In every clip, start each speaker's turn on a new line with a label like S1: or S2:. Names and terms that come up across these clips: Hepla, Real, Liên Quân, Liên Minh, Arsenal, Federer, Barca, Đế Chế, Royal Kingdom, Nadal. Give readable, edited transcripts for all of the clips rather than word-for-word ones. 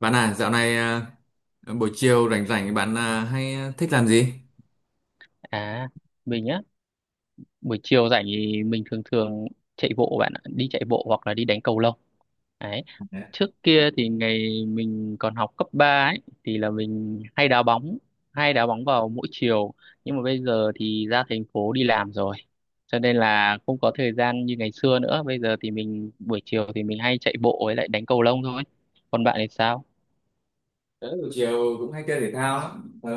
S1: Bạn à, dạo này à, buổi chiều rảnh rảnh bạn à, hay thích làm gì?
S2: À, mình á, buổi chiều rảnh thì mình thường thường chạy bộ bạn ạ, đi chạy bộ hoặc là đi đánh cầu lông. Đấy.
S1: Dạ.
S2: Trước kia thì ngày mình còn học cấp 3 ấy thì là mình hay đá bóng vào mỗi chiều, nhưng mà bây giờ thì ra thành phố đi làm rồi. Cho nên là không có thời gian như ngày xưa nữa, bây giờ thì mình buổi chiều thì mình hay chạy bộ với lại đánh cầu lông thôi. Còn bạn thì sao?
S1: Buổi chiều cũng hay chơi thể thao lắm. Tớ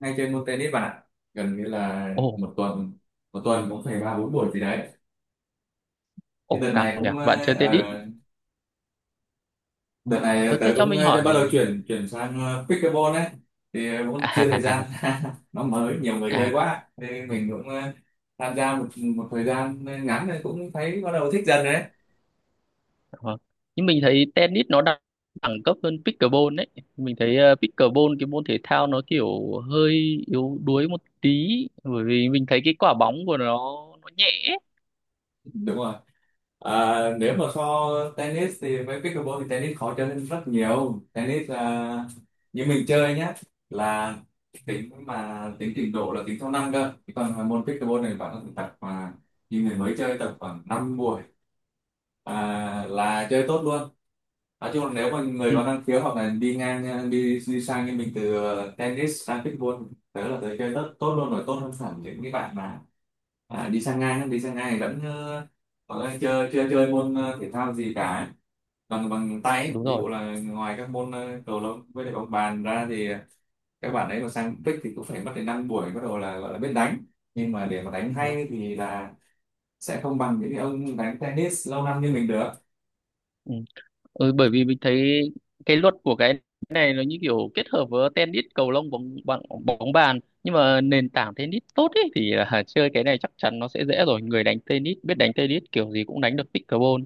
S1: hay chơi môn tennis bạn ạ. Gần như là
S2: Ồ,
S1: một tuần một tuần cũng phải ba bốn buổi gì đấy. Thì
S2: ồ
S1: đợt
S2: căng
S1: này
S2: kìa,
S1: cũng
S2: bạn
S1: à,
S2: chơi tennis.
S1: ờ, Đợt này
S2: Ờ
S1: tớ
S2: thế cho
S1: cũng
S2: mình hỏi
S1: bắt đầu chuyển chuyển sang pickleball ấy. Cũng chưa thời gian nó mới nhiều người chơi
S2: à,
S1: quá. Nên mình cũng tham gia một một thời gian ngắn rồi cũng thấy bắt đầu thích dần rồi đấy.
S2: vâng. Nhưng mình thấy tennis nó đẳng đẳng cấp hơn pickleball đấy. Mình thấy pickleball cái môn thể thao nó kiểu hơi yếu đuối một tí, bởi vì mình thấy cái quả bóng của nó nhẹ, ấy.
S1: Đúng rồi. À, nếu
S2: Ừ,
S1: mà so tennis thì với pickleball thì tennis khó chơi hơn rất nhiều. Tennis à, như mình chơi nhá, là tính trình độ là tính theo năm cơ. Chứ còn môn pickleball này bạn có thể tập, mà như người mới chơi tập khoảng 5 mùa là chơi tốt luôn. Nói chung là nếu mà người
S2: ừ,
S1: có năng khiếu hoặc là đi ngang đi đi sang như mình từ tennis sang pickleball, tớ chơi tốt tốt luôn rồi, tốt hơn hẳn những cái bạn mà đi sang ngang vẫn chơi chơi chơi môn thể thao gì cả bằng bằng tay ấy.
S2: đúng
S1: Ví
S2: rồi.
S1: dụ là ngoài các môn cầu lông với lại bóng bàn ra thì các bạn ấy mà sang pick thì cũng phải mất đến 5 buổi bắt đầu là gọi là biết đánh, nhưng mà để mà đánh
S2: Đúng rồi.
S1: hay thì là sẽ không bằng những ông đánh tennis lâu năm như mình được.
S2: Ừ. Ừ, bởi vì mình thấy cái luật của cái này nó như kiểu kết hợp với tennis, cầu lông, bóng bóng, bóng bàn, nhưng mà nền tảng tennis tốt ấy thì là chơi cái này chắc chắn nó sẽ dễ rồi. Người đánh tennis biết đánh tennis kiểu gì cũng đánh được pickleball,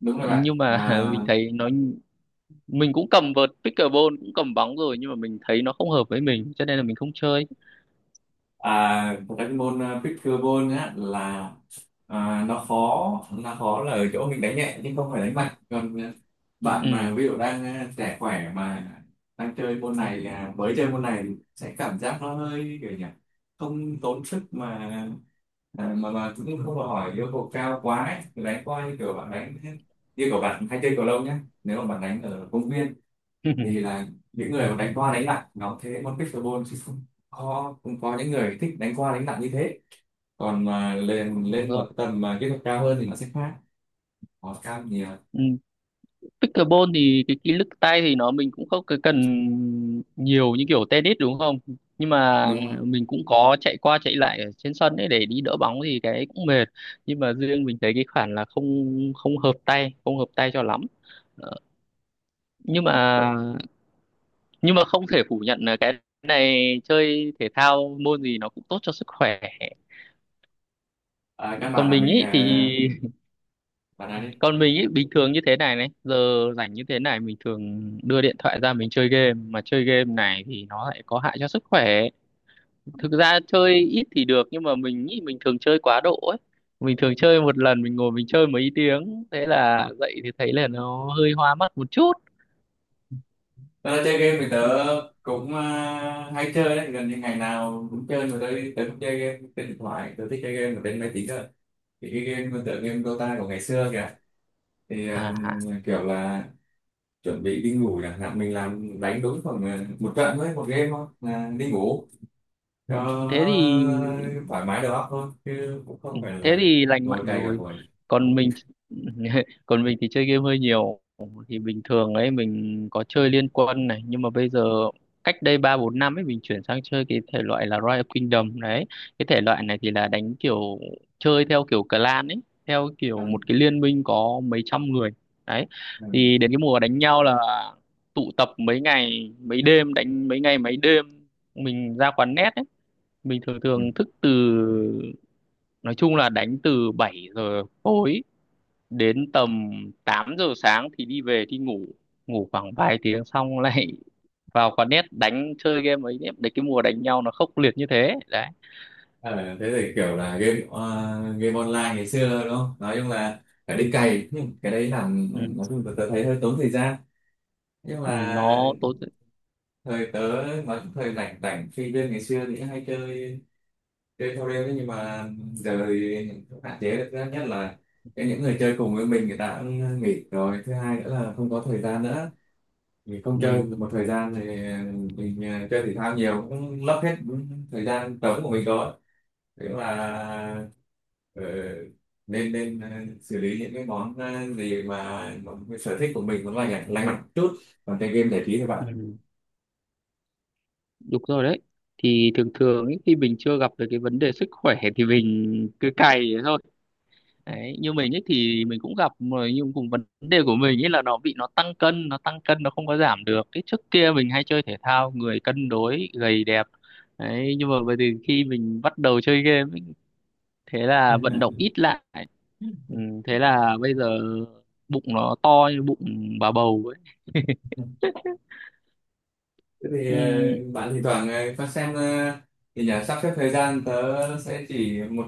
S1: Đúng rồi bạn.
S2: nhưng mà
S1: Và
S2: mình thấy nó, mình cũng cầm vợt pickleball cũng cầm bóng rồi nhưng mà mình thấy nó không hợp với mình cho nên là mình không chơi.
S1: thật ra cái môn pickleball á, là nó khó là ở chỗ mình đánh nhẹ nhưng không phải đánh mạnh. Còn bạn mà
S2: Ừ.
S1: ví dụ đang trẻ khỏe mà đang chơi môn này mới chơi môn này thì sẽ cảm giác nó hơi kiểu nhỉ, không tốn sức mà à, mà mà cũng không đòi hỏi yêu cầu cao quá ấy. Đánh coi như kiểu bạn đánh như của bạn hay chơi cầu lông nhé, nếu mà bạn đánh ở công viên, vì là những người mà đánh qua đánh lại nó thế môn pickleball, chứ không có những người thích đánh qua đánh lại như thế. Còn mà lên
S2: Đúng
S1: lên một
S2: rồi.
S1: tầm mà kỹ thuật cao hơn thì nó sẽ khác, nó cao nhiều
S2: Ừ. Pickleball thì cái kỹ lực tay thì nó mình cũng không cái cần nhiều như kiểu tennis đúng không, nhưng mà
S1: đúng không.
S2: mình cũng có chạy qua chạy lại ở trên sân ấy để đi đỡ bóng thì cái cũng mệt, nhưng mà riêng mình thấy cái khoản là không không hợp tay, không hợp tay cho lắm. Ờ, nhưng mà
S1: Vâng.
S2: nhưng mà không thể phủ nhận là cái này chơi thể thao môn gì nó cũng tốt cho sức khỏe.
S1: Căn bản
S2: Còn
S1: là
S2: mình
S1: mình
S2: ấy thì,
S1: à, bạn nói đi.
S2: còn mình ấy bình thường như thế này, giờ rảnh như thế này mình thường đưa điện thoại ra mình chơi game, mà chơi game này thì nó lại có hại cho sức khỏe. Thực ra chơi ít thì được nhưng mà mình nghĩ mình thường chơi quá độ ấy, mình thường chơi một lần mình ngồi mình chơi mấy tiếng, thế là dậy thì thấy là nó hơi hoa mắt một chút.
S1: Tớ chơi game thì tớ cũng hay chơi đấy, gần như ngày nào cũng chơi. Mà tớ tớ cũng chơi game trên điện thoại, tớ thích chơi game ở trên máy tính cơ, thì cái game tựa game Dota của ngày xưa kìa. Thì
S2: À à.
S1: kiểu là chuẩn bị đi ngủ chẳng hạn mình làm đánh đúng khoảng một trận thôi, một game thôi là đi ngủ cho
S2: Ừ. Thế thì.
S1: thoải mái đầu óc thôi chứ cũng không
S2: Ừ,
S1: phải
S2: thế
S1: là
S2: thì lành
S1: ngồi
S2: mạnh
S1: cày cả
S2: rồi.
S1: buổi.
S2: Còn mình còn mình thì chơi game hơi nhiều, thì bình thường ấy mình có chơi Liên Quân này, nhưng mà bây giờ, cách đây 3 4 năm ấy mình chuyển sang chơi cái thể loại là Royal Kingdom đấy. Cái thể loại này thì là đánh kiểu chơi theo kiểu clan ấy, theo kiểu một
S1: ăn
S2: cái liên minh có mấy trăm người. Đấy,
S1: ăn
S2: thì đến cái mùa đánh nhau là tụ tập mấy ngày mấy đêm, đánh mấy ngày mấy đêm, mình ra quán net ấy, mình thường
S1: quỳnh.
S2: thường thức từ, nói chung là đánh từ 7 giờ tối đến tầm 8 giờ sáng thì đi về thì ngủ, ngủ khoảng vài tiếng xong lại vào quán net đánh chơi game ấy. Đấy, cái mùa đánh nhau nó khốc liệt như thế đấy.
S1: Ờ, thế thì kiểu là game online ngày xưa đúng không, nói chung là phải đi cày, nhưng cái đấy làm
S2: Ừ.
S1: nói chung là tớ thấy hơi tốn thời gian. Nhưng
S2: Ừ,
S1: mà
S2: nó tốn.
S1: thời tớ nói chung thời rảnh rảnh sinh viên ngày xưa thì hay chơi chơi theo đêm, nhưng mà giờ thì cũng hạn chế được. Thứ nhất là cái những người chơi cùng với mình người ta cũng nghỉ rồi, thứ hai nữa là không có thời gian nữa, mình không chơi
S2: Ừ.
S1: được một thời gian thì mình chơi thể thao nhiều cũng lấp hết thời gian trống của mình rồi. Thế là ờ, nên nên xử lý những cái món gì mà, cái sở thích của mình nó lành lành mạnh chút, còn chơi game giải trí thôi
S2: Ừ. Đúng rồi đấy, thì thường thường ấy, khi mình chưa gặp được cái vấn đề sức khỏe thì mình cứ cày thế thôi. Đấy, như mình ấy thì mình cũng gặp rồi, nhưng cùng vấn đề của mình ấy là nó bị nó tăng cân, nó tăng cân nó không có giảm được. Cái trước kia mình hay chơi thể thao người cân đối gầy đẹp, đấy, nhưng mà bây giờ khi mình bắt đầu chơi game ấy, thế là vận động
S1: bạn.
S2: ít lại. Ừ, thế là bây giờ bụng nó to như bụng bà bầu ấy.
S1: Thế thì
S2: Ừ,
S1: bạn thì thoảng có xem thì nhà sắp xếp thời gian. Tớ sẽ chỉ một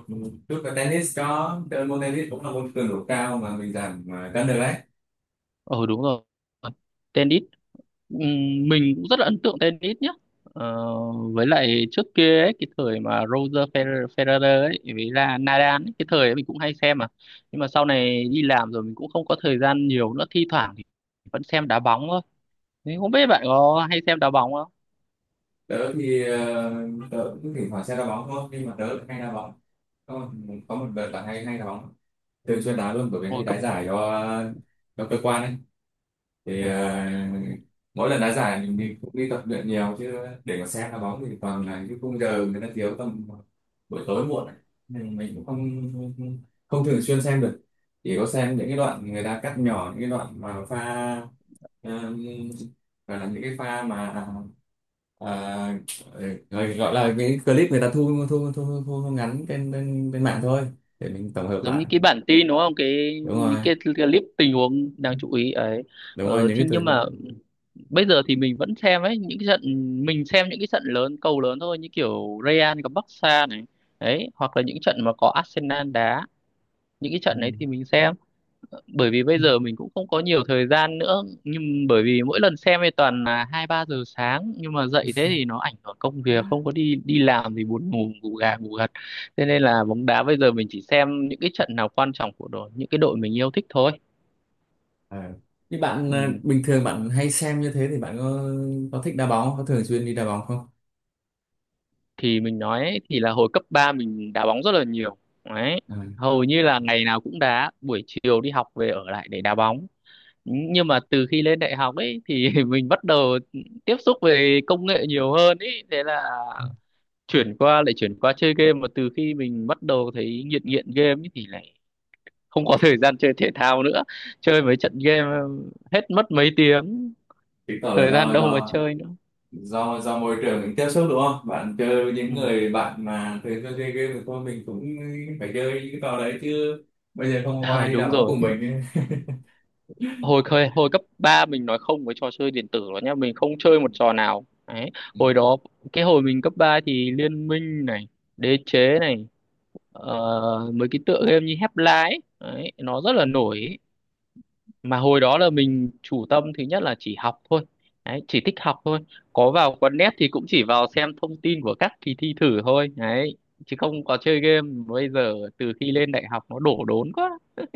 S1: chút là tennis, có tớ, môn tennis cũng là môn cường độ cao mà mình giảm cân được đấy.
S2: ờ đúng rồi. Tennis. Ừm, mình cũng rất là ấn tượng tennis nhé. ờ, với lại trước kia ấy, cái thời mà Roger Federer ấy với là Nadal ấy, cái thời ấy mình cũng hay xem mà, nhưng mà sau này đi làm rồi mình cũng không có thời gian nhiều nữa, thi thoảng thì vẫn xem đá bóng thôi. Thế không biết bạn có hay xem đá bóng không.
S1: tớ thì ờ, Tớ cũng thỉnh thoảng sẽ đá bóng thôi, nhưng mà tớ lại hay đá bóng. có một, có một đợt là hay hay đá bóng, thường xuyên đá luôn, bởi vì hay
S2: Hồi cấp.
S1: đá giải cho cơ quan ấy.
S2: Ừ.
S1: Thì mỗi lần đá giải mình cũng đi tập luyện nhiều chứ. Để mà xem đá bóng thì toàn là những khung giờ người ta thiếu tầm buổi tối muộn ấy. Nên mình cũng không không thường xuyên xem được, chỉ có xem những cái đoạn người ta cắt nhỏ, những cái đoạn mà pha ờ, gọi là những cái pha mà à, rồi gọi là những clip người ta thu ngắn trên, trên trên mạng thôi, để mình tổng hợp
S2: Giống như
S1: lại.
S2: cái bản tin đúng không, cái
S1: Đúng
S2: những
S1: rồi,
S2: cái clip tình huống đáng chú ý ấy.
S1: đúng rồi, những
S2: Thì
S1: cái
S2: nhưng
S1: từ.
S2: mà bây giờ thì mình vẫn xem ấy những cái trận, mình xem những cái trận lớn cầu lớn thôi, như kiểu Real gặp Barca này. Đấy, hoặc là những trận mà có Arsenal đá, những cái
S1: Ừ.
S2: trận đấy thì mình xem, bởi vì bây giờ mình cũng không có nhiều thời gian nữa, nhưng bởi vì mỗi lần xem thì toàn là 2 3 giờ sáng, nhưng mà dậy thế thì nó ảnh hưởng công việc, không có đi đi làm thì buồn ngủ, ngủ gà ngủ gật. Thế nên là bóng đá bây giờ mình chỉ xem những cái trận nào quan trọng của đội, những cái đội mình yêu thích thôi.
S1: À. Như bạn à,
S2: Ừ.
S1: bình thường bạn hay xem như thế, thì bạn có thích đá bóng, có thường xuyên đi đá bóng không?
S2: Thì mình nói ấy, thì là hồi cấp 3 mình đá bóng rất là nhiều. Đấy,
S1: À.
S2: hầu như là ngày nào cũng đá, buổi chiều đi học về ở lại để đá bóng, nhưng mà từ khi lên đại học ấy thì mình bắt đầu tiếp xúc về công nghệ nhiều hơn ấy, thế là chuyển qua, lại chuyển qua chơi game, mà từ khi mình bắt đầu thấy nghiện nghiện game ấy thì lại không có thời gian chơi thể thao nữa. Chơi mấy trận game hết mất mấy tiếng,
S1: Chứng tỏ là
S2: thời gian
S1: do
S2: đâu mà
S1: do
S2: chơi nữa.
S1: do do môi trường mình tiếp xúc đúng không? Bạn chơi với
S2: Ừ.
S1: những người bạn mà thường xuyên chơi game thì thôi mình cũng phải chơi những cái trò đấy chứ, bây giờ không có
S2: Ờ,
S1: ai đi đá
S2: đúng
S1: bóng
S2: rồi.
S1: cùng mình.
S2: Hồi cấp 3 mình nói không với trò chơi điện tử rồi nhá, mình không chơi một trò nào. Đấy, hồi đó, cái hồi mình cấp 3 thì Liên Minh này, Đế Chế này. Ờ, mấy cái tựa game như Hepla ấy đấy, nó rất là nổi ấy. Mà hồi đó là mình chủ tâm thứ nhất là chỉ học thôi, đấy, chỉ thích học thôi, có vào quán net thì cũng chỉ vào xem thông tin của các kỳ thi thử thôi. Đấy, chứ không có chơi game. Bây giờ từ khi lên đại học nó đổ đốn quá.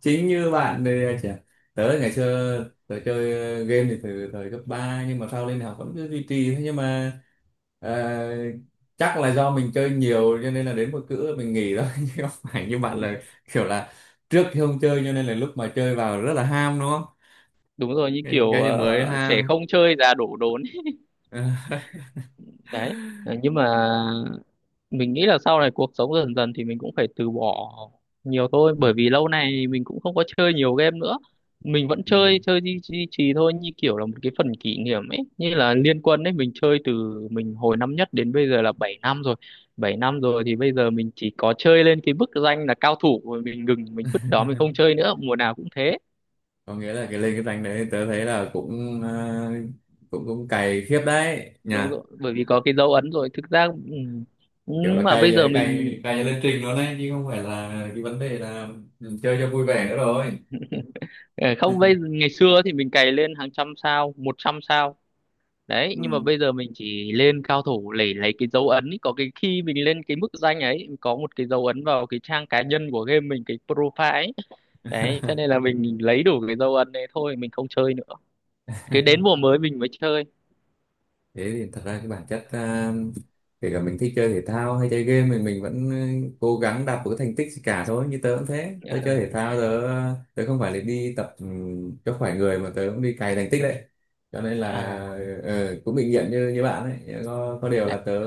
S1: Chính như bạn thì chả- tớ ngày xưa, tớ chơi game thì từ thời cấp 3 nhưng mà sau lên đại học vẫn cứ duy trì thôi. Nhưng mà ờ, chắc là do mình chơi nhiều cho nên là đến một cữ mình nghỉ đó, chứ không phải như bạn
S2: Ừ,
S1: là kiểu là trước thì không chơi cho nên là lúc mà chơi vào rất là ham đúng không,
S2: đúng rồi, như kiểu
S1: cái gì mới
S2: trẻ
S1: ham.
S2: không chơi già đổ đốn. Đấy. Ờ, nhưng mà mình nghĩ là sau này cuộc sống dần dần thì mình cũng phải từ bỏ nhiều thôi,
S1: Ừ,
S2: bởi vì lâu nay mình cũng không có chơi nhiều game nữa, mình vẫn
S1: ừ.
S2: chơi chơi duy duy trì thôi, như kiểu là một cái phần kỷ niệm ấy, như là Liên Quân ấy mình chơi từ, mình hồi năm nhất đến bây giờ là 7 năm rồi. 7 năm rồi thì bây giờ mình chỉ có chơi lên cái bức danh là cao thủ rồi mình ngừng, mình vứt đó mình không chơi nữa, mùa nào cũng thế.
S1: Có nghĩa là cái lên cái rank đấy tớ thấy là cũng cũng cũng cày khiếp đấy nhỉ,
S2: Đúng rồi, bởi vì có cái dấu ấn rồi thực ra. Ừ,
S1: kiểu là
S2: nhưng mà
S1: cày
S2: bây giờ
S1: vậy
S2: mình.
S1: cày cày lên trình luôn đấy, chứ không phải là cái vấn đề là chơi cho vui vẻ nữa rồi.
S2: Ờ, không, bây ngày xưa thì mình cày lên hàng trăm sao, 100 sao. Đấy, nhưng mà
S1: Ừ.
S2: bây giờ mình chỉ lên cao thủ để lấy cái dấu ấn ý. Có cái khi mình lên cái mức danh ấy có một cái dấu ấn vào cái trang cá nhân của game mình, cái profile ấy. Đấy, cho nên là mình lấy đủ cái dấu ấn đấy thôi, mình không chơi nữa, cứ đến mùa mới mình mới chơi.
S1: Thế thì thật ra cái bản chất kể cả mình thích chơi thể thao hay chơi game, mình vẫn cố gắng đạt một cái thành tích gì cả thôi. Như tớ cũng thế, tớ
S2: Ờ,
S1: chơi thể thao, tớ tớ không phải là đi tập cho khỏe người, mà tớ cũng đi cày thành tích đấy. Cho nên là
S2: à.
S1: cũng bình diện như như bạn ấy, có điều là
S2: Đấy.
S1: tớ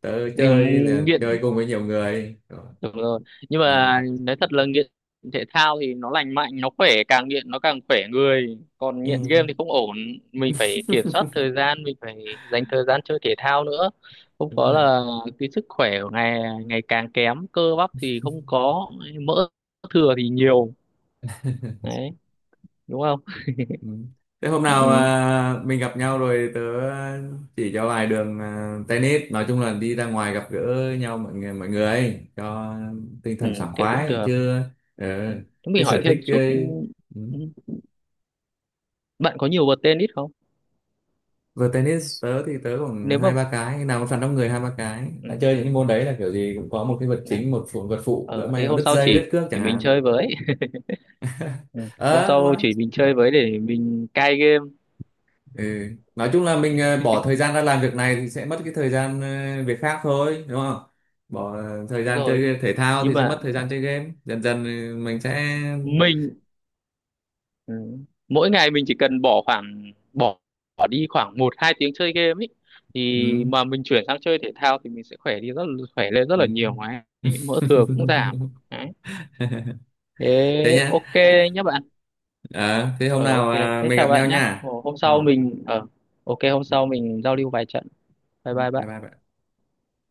S1: tớ
S2: Ừ,
S1: chơi là chơi
S2: nghiện.
S1: cùng với nhiều người.
S2: Đúng rồi. Nhưng
S1: Ừ,
S2: mà
S1: gặp.
S2: nói thật là nghiện thể thao thì nó lành mạnh, nó khỏe, càng nghiện nó càng khỏe người. Còn
S1: Ừ,
S2: nghiện game thì không ổn, mình phải kiểm soát thời gian, mình phải dành thời gian chơi thể thao nữa. Không
S1: đúng
S2: có
S1: rồi.
S2: là cái sức khỏe của ngày ngày càng kém, cơ bắp thì không có, mỡ thừa thì nhiều. Đấy, đúng không?
S1: Ừ. Thế hôm nào
S2: Ừ,
S1: à, mình gặp nhau rồi tớ chỉ cho vài đường tennis, nói chung là đi ra ngoài gặp gỡ nhau, mọi người ấy, cho tinh
S2: ừ,
S1: thần sảng
S2: thế cũng
S1: khoái
S2: được.
S1: chứ. Ờ,
S2: Ừ. Thế
S1: chứ
S2: mình hỏi
S1: sở
S2: thêm
S1: thích
S2: chút. Ừ,
S1: ấy, ừ.
S2: ừ, bạn có nhiều vợt tennis không?
S1: Vừa tennis, tớ thì tớ khoảng
S2: Nếu mà.
S1: hai ba cái, nào có sẵn đông người hai ba cái
S2: Ừ,
S1: đã chơi, những
S2: ừ,
S1: cái môn đấy là kiểu gì cũng có
S2: ừ,
S1: một cái vật
S2: đấy.
S1: chính, một phụ vật phụ, lỡ
S2: Ờ, thế
S1: may mà
S2: hôm
S1: đứt
S2: sau
S1: dây đứt
S2: chỉ
S1: cước chẳng
S2: mình
S1: hạn.
S2: chơi với. Ừ. Hôm
S1: Ờ đúng
S2: sau
S1: rồi.
S2: chỉ mình chơi với để mình cai game.
S1: Ừ. Nói chung là mình bỏ thời gian ra làm việc này thì sẽ mất cái thời gian việc khác thôi đúng không? Bỏ thời
S2: Đúng
S1: gian
S2: rồi,
S1: chơi thể thao
S2: nhưng
S1: thì sẽ
S2: mà
S1: mất thời gian chơi game. Dần dần mình sẽ
S2: mình, ừ, mỗi ngày mình chỉ cần bỏ khoảng bỏ, bỏ đi khoảng 1 2 tiếng chơi game ấy, thì
S1: ừ.
S2: mà mình chuyển sang chơi thể thao thì mình sẽ khỏe đi khỏe lên rất là
S1: Ừ.
S2: nhiều mà ấy. Mỡ thừa cũng giảm. Đấy. Thế
S1: Thế nhá.
S2: ok nhé bạn.
S1: Ờ, thế hôm
S2: Ờ
S1: nào
S2: ok
S1: à,
S2: thế
S1: mình gặp
S2: chào
S1: nhau
S2: bạn nhé,
S1: nha.
S2: hôm
S1: Ừ.
S2: sau mình ờ, ok, hôm
S1: Dạ.
S2: sau mình giao lưu vài trận. Bye bye
S1: Bye
S2: bạn.
S1: bye.